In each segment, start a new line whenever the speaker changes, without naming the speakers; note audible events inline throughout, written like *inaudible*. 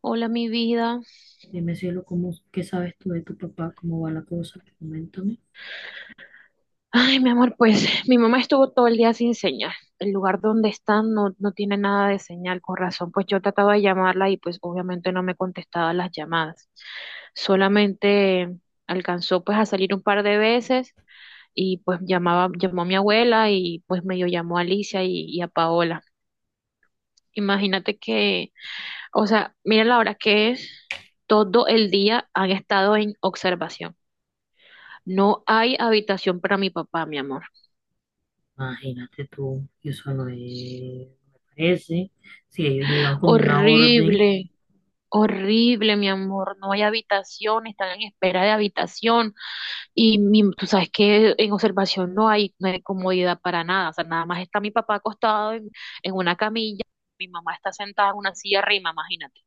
Hola, mi vida.
Dime, cielo, ¿cómo, qué sabes tú de tu papá? ¿Cómo va la cosa? Coméntame.
Ay, mi amor, pues *laughs* mi mamá estuvo todo el día sin señal. El lugar donde están no tiene nada de señal, con razón. Pues yo trataba de llamarla y pues obviamente no me contestaba las llamadas. Solamente alcanzó pues a salir un par de veces y pues llamó a mi abuela y pues medio llamó a Alicia y a Paola. Imagínate que, o sea, mira la hora que es, todo el día han estado en observación. No hay habitación para mi papá, mi amor.
Imagínate tú, y eso no es, no me parece. Si ellos llevan con una orden,
Horrible, horrible, mi amor. No hay habitación, están en espera de habitación. Y mi- tú sabes que en observación no hay comodidad para nada. O sea, nada más está mi papá acostado en una camilla, mi mamá está sentada en una silla arriba, imagínate.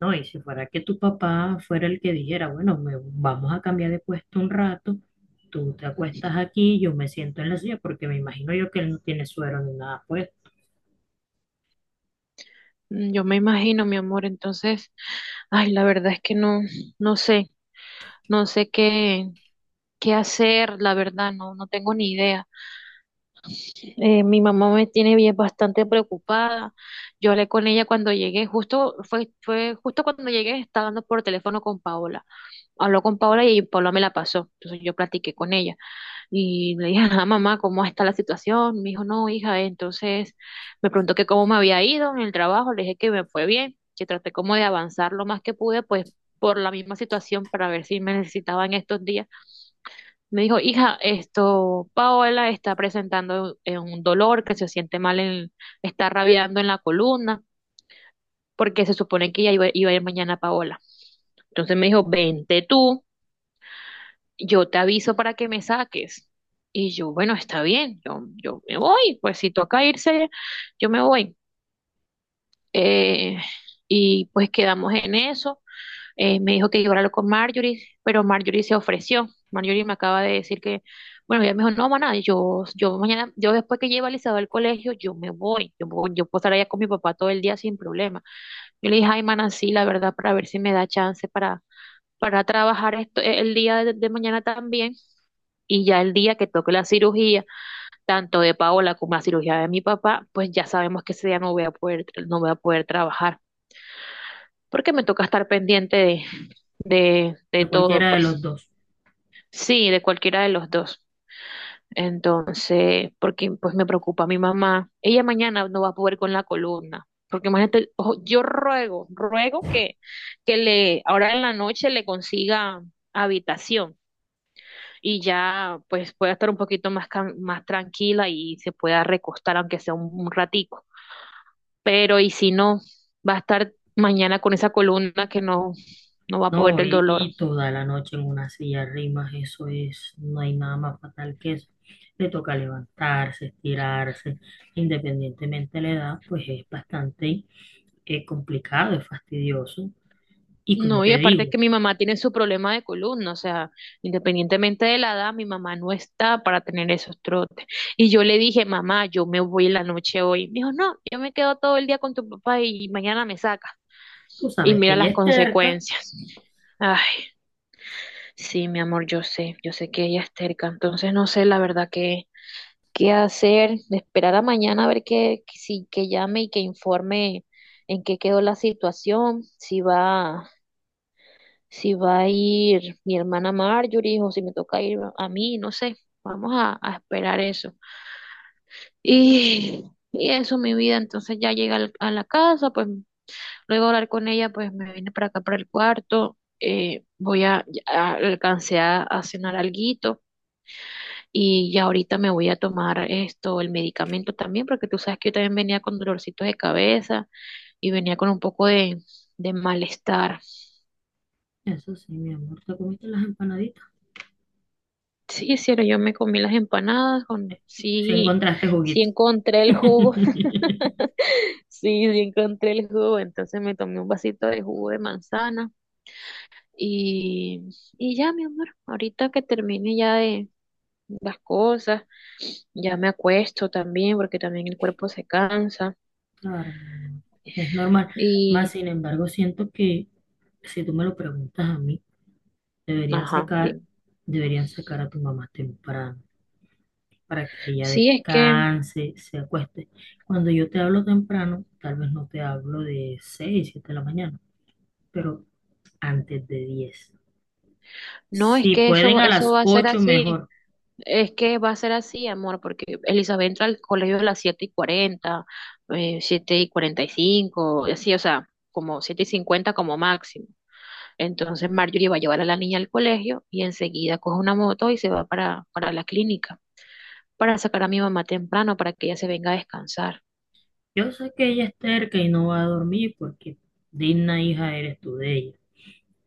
¿no? Y si fuera que tu papá fuera el que dijera, bueno, vamos a cambiar de puesto un rato, tú te acuestas aquí, yo me siento en la silla, porque me imagino yo que él no tiene suero ni nada, pues,
Mm, yo me imagino, mi amor. Entonces, ay, la verdad es que no sé, no sé qué, qué hacer, la verdad, no tengo ni idea. Mi mamá me tiene bien bastante preocupada. Yo hablé con ella cuando llegué, fue justo cuando llegué, estaba hablando por teléfono con Paola. Habló con Paola y Paola me la pasó. Entonces yo platiqué con ella y le dije, ah, mamá, ¿cómo está la situación? Me dijo, no, hija. Entonces me preguntó que cómo me había ido en el trabajo. Le dije que me fue bien, que traté como de avanzar lo más que pude, pues por la misma situación para ver si me necesitaban estos días me dijo, hija, esto, Paola está presentando un dolor que se siente mal, en, está rabiando en la columna, porque se supone que ya iba a ir mañana Paola. Entonces me dijo, vente tú, yo te aviso para que me saques. Y yo, bueno, está bien, yo me voy, pues si toca irse, yo me voy. Eh, y pues quedamos en eso. Me dijo que iba a hablarlo con Marjorie, pero Marjorie se ofreció. Marjorie me acaba de decir que, bueno, ella me dijo, no, maná, yo mañana, yo después que lleve a Elizabeth al colegio, yo me voy, me voy, yo puedo estar allá con mi papá todo el día sin problema. Yo le dije, ay, maná, sí, la verdad, para ver si me da chance para trabajar esto, el día de mañana también. Y ya el día que toque la cirugía, tanto de Paola como la cirugía de mi papá, pues ya sabemos que ese día no voy a poder, no voy a poder trabajar, porque me toca estar pendiente de
de
todo,
cualquiera de los
pues.
dos.
Sí, de cualquiera de los dos. Entonces, porque pues me preocupa mi mamá. Ella mañana no va a poder con la columna. Porque imagínate, ojo, yo ruego, ruego que le, ahora en la noche le consiga habitación y ya pues pueda estar un poquito más, can- más tranquila y se pueda recostar aunque sea un ratico. Pero y si no, va a estar mañana con esa columna que no, no va a poder
No,
del
y,
dolor.
y toda la noche en una silla de rimas, eso es, no hay nada más fatal que eso. Le toca levantarse, estirarse, independientemente de la edad, pues es bastante complicado, es fastidioso. Y como
No, y
te
aparte
digo,
que mi mamá tiene su problema de columna, o sea, independientemente de la edad, mi mamá no está para tener esos trotes. Y yo le dije, mamá, yo me voy en la noche hoy. Me dijo, no, yo me quedo todo el día con tu papá y mañana me sacas.
tú
Y
sabes que
mira
ella
las
es terca.
consecuencias. Ay, sí, mi amor, yo sé que ella es terca, entonces no sé la verdad qué, qué hacer, de esperar a mañana a ver que, si- que llame y que informe en qué quedó la situación, si va. Si va a ir mi hermana Marjorie o si me toca ir a mí, no sé, vamos a esperar eso. Y, y eso, mi vida, entonces ya llega al- a la casa, pues luego de hablar con ella, pues me vine para acá, para el cuarto, voy a, ya alcancé a cenar alguito y ya ahorita me voy a tomar esto, el medicamento también, porque tú sabes que yo también venía con dolorcitos de cabeza y venía con un poco de malestar.
Eso sí, mi amor, te comiste las empanaditas.
Sí, cielo, yo me comí las empanadas con,
Si
sí,
encontraste
sí
juguito.
encontré el jugo,
*laughs*
*laughs* sí, sí encontré el jugo, entonces me tomé un vasito de jugo de manzana y, y ya, mi amor, ahorita que termine ya de las cosas, ya me acuesto también porque también el cuerpo se cansa
Claro, mi amor, es normal. Más
y,
sin embargo, siento que si tú me lo preguntas a mí, deberían
ajá,
sacar,
dime.
deberían sacar a tu mamá temprano para que ella
Sí,
descanse, se acueste. Cuando yo te hablo temprano, tal vez no te hablo de 6 7 de la mañana, pero antes de 10.
no, es
Si
que eso,
pueden a
eso
las
va a ser
8
así.
mejor.
Es que va a ser así, amor, porque Elizabeth entra al colegio a las 7 y cuarenta, 7 y 40 y cinco, y así, o sea, como 7 y 50 como máximo. Entonces Marjorie va a llevar a la niña al colegio y enseguida coge una moto y se va para la clínica, para sacar a mi mamá temprano, para que ella se venga a descansar.
Yo sé que ella es terca y no va a dormir porque digna hija eres tú de ella.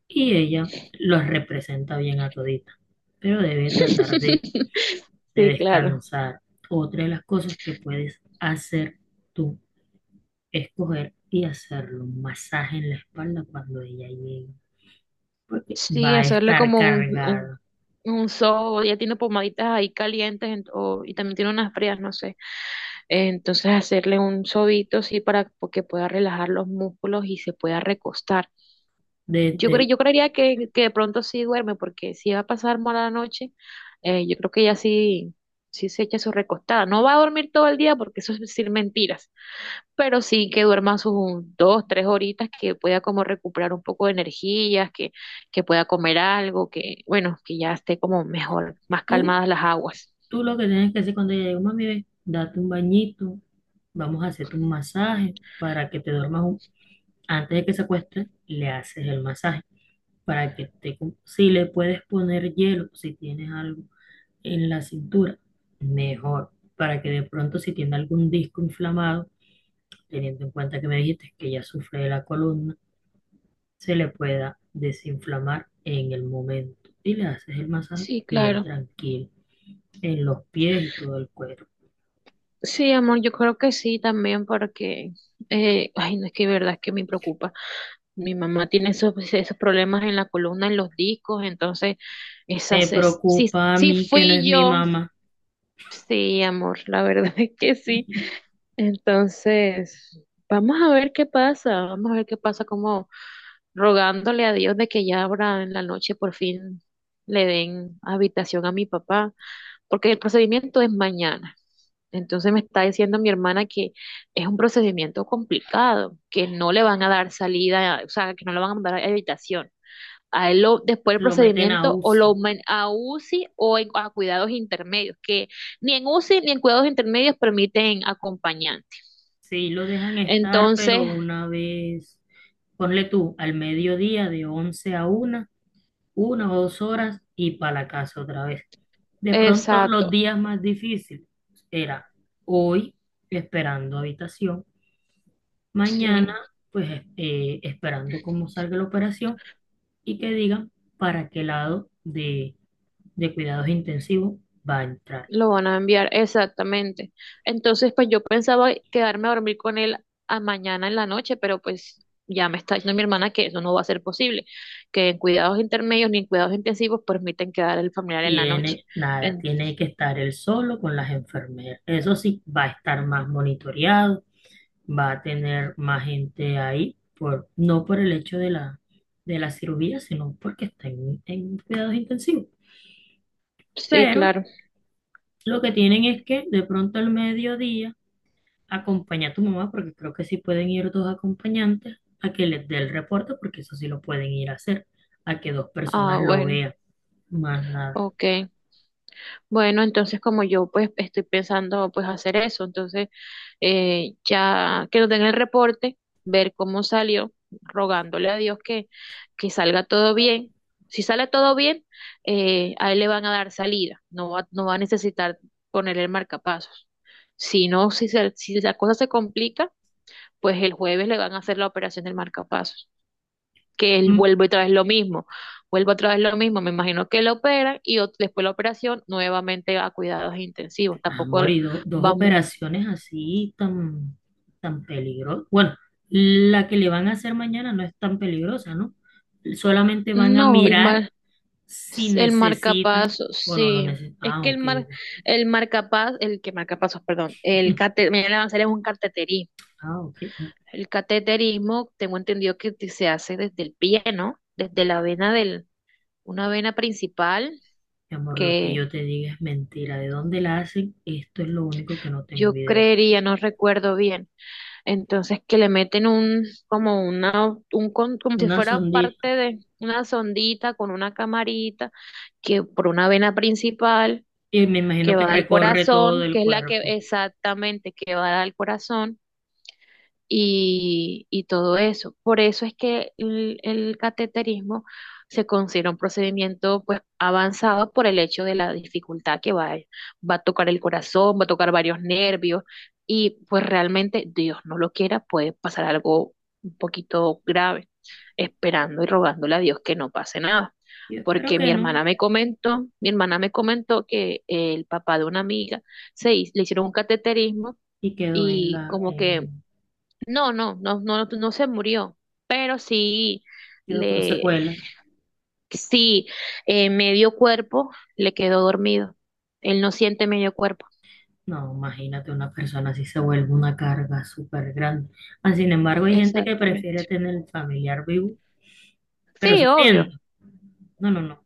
Y ella los representa bien a todita, pero debe tratar
*laughs*
de
Sí, claro.
descansar. Otra de las cosas que puedes hacer tú escoger y hacerle un masaje en la espalda cuando ella llegue, porque
Sí,
va a
hacerle
estar
como
cargada.
un sobo, ella tiene pomaditas ahí calientes en- o- y también tiene unas frías, no sé. Entonces hacerle un sobito sí para que pueda relajar los músculos y se pueda recostar. Yo
Desde
creo,
el,
yo creería que de pronto sí duerme, porque si va a pasar mala noche, yo creo que ella sí, sí se echa su recostada. No va a dormir todo el día porque eso es decir mentiras, pero sí que duerma sus un- dos, tres horitas, que pueda como recuperar un poco de energías, que pueda comer algo, que bueno, que ya esté como mejor, más
tú,
calmadas las aguas.
tú lo que tienes que hacer cuando ella llegue, mami, ve, date un bañito, vamos a hacerte un masaje para que te duermas un- antes de que se acueste, le haces el masaje para que te, si le puedes poner hielo, si tienes algo en la cintura, mejor, para que de pronto si tiene algún disco inflamado, teniendo en cuenta que me dijiste que ella sufre de la columna, se le pueda desinflamar en el momento. Y le haces el masaje
Sí,
bien
claro.
tranquilo, en los pies y todo el cuerpo.
Sí, amor, yo creo que sí también porque, ay, no es que de verdad es que me preocupa. Mi mamá tiene esos, esos problemas en la columna, en los discos, entonces,
Me
esas, es- sí,
preocupa a
sí
mí que no es
fui
mi
yo.
mamá.
Sí, amor, la verdad *laughs* es que sí. Entonces, vamos a ver qué pasa, vamos a ver qué pasa, como rogándole a Dios de que ya ahora en la noche por fin le den habitación a mi papá, porque el procedimiento es mañana. Entonces me está diciendo mi hermana que es un procedimiento complicado, que no le van a dar salida, o sea, que no le van a mandar a habitación. A él lo, después del
Lo meten a
procedimiento o lo
UCI.
man- a UCI o en- a cuidados intermedios, que ni en UCI ni en cuidados intermedios permiten acompañante.
Sí, lo dejan estar, pero
Entonces,
una vez, ponle tú, al mediodía de 11 a 1, 1 o 2 horas y para la casa otra vez. De pronto los
exacto,
días más difíciles era hoy esperando habitación. Mañana,
sí.
pues esperando cómo salga la operación y que digan para qué lado de cuidados intensivos va a entrar.
Lo van a enviar, exactamente. Entonces, pues yo pensaba quedarme a dormir con él a mañana en la noche, pero pues ya me está diciendo mi hermana que eso no va a ser posible, que en cuidados intermedios ni en cuidados intensivos permiten quedar el familiar en la noche.
Tiene nada,
En-
tiene que estar él solo con las enfermeras. Eso sí, va a estar más monitoreado, va a tener más gente ahí, por, no por el hecho de la cirugía, sino porque está en cuidados intensivos.
sí,
Pero
claro.
lo que tienen es que de pronto al mediodía, acompaña a tu mamá, porque creo que sí pueden ir dos acompañantes, a que les dé el reporte, porque eso sí lo pueden ir a hacer, a que dos
Ah,
personas lo
bueno,
vean, más nada.
ok. Bueno, entonces como yo pues estoy pensando pues hacer eso, entonces ya que nos den el reporte, ver cómo salió, rogándole a Dios que salga todo bien. Si sale todo bien, a él le van a dar salida, no va, no va a necesitar ponerle el marcapasos. Si no, si, se- si la cosa se complica, pues el jueves le van a hacer la operación del marcapasos que él
Mm.
vuelve otra vez lo mismo, vuelve otra vez lo mismo, me imagino que lo operan y ot- después de la operación nuevamente a cuidados intensivos, tampoco
Amor,
el-
y dos
vamos,
operaciones así tan, tan peligrosas. Bueno, la que le van a hacer mañana no es tan peligrosa, ¿no? Solamente van a
no, el
mirar
mar,
si
el
necesitan
marcapasos,
o no lo
sí,
necesitan.
es
Ah,
que el
ok.
mar, el marcapaz, el que marcapasos, perdón, el
*laughs*
cate, me van a hacer es un cateterismo,
Ah, ok.
el cateterismo tengo entendido que te- se hace desde el pie, ¿no? Desde la vena del, una vena principal
Mi amor, lo que
que
yo te diga es mentira. ¿De dónde la hacen? Esto es lo único que no tengo
yo
idea.
creería, no recuerdo bien. Entonces que le meten un, como una, un, con- como si
Una
fuera parte
sondita.
de una sondita con una camarita que por una vena principal
Y me
que
imagino que
va al
recorre todo
corazón, que
el
es la que
cuerpo.
exactamente que va al corazón y todo eso. Por eso es que el cateterismo se considera un procedimiento pues avanzado por el hecho de la dificultad que va, va a tocar el corazón, va a tocar varios nervios y pues realmente Dios no lo quiera, puede pasar algo un poquito grave, esperando y rogándole a Dios que no pase nada.
Yo espero
Porque mi
que no.
hermana me comentó, mi hermana me comentó que el papá de una amiga le hicieron un cateterismo
Y quedó en
y
la,
como que
en,
no, no, no, no, no se murió, pero sí,
quedó con
le,
secuelas.
sí, medio cuerpo le quedó dormido. Él no siente medio cuerpo.
No, imagínate una persona así se vuelve una carga súper grande. Ah, sin embargo, hay gente que prefiere
Exactamente.
tener el familiar vivo, pero
Sí,
sufriendo.
obvio.
No, no, no.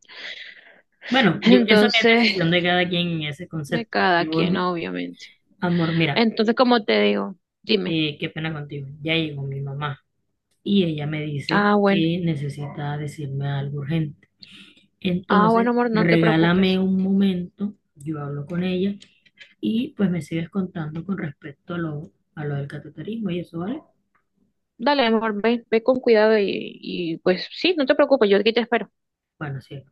*laughs*
Bueno, yo pienso que es decisión de
Entonces,
cada quien en ese
de
concepto.
cada
Yo,
quien, obviamente.
amor, mira,
Entonces, como te digo, dime.
qué pena contigo. Ya llegó mi mamá y ella me dice
Ah, bueno.
que necesita decirme algo urgente.
Ah, bueno,
Entonces,
amor, no te
regálame
preocupes.
un momento, yo hablo con ella y pues me sigues contando con respecto a lo del cateterismo y eso, ¿vale?
Dale, amor, ve, ve con cuidado y pues sí, no te preocupes, yo aquí te espero.
Bueno, sí,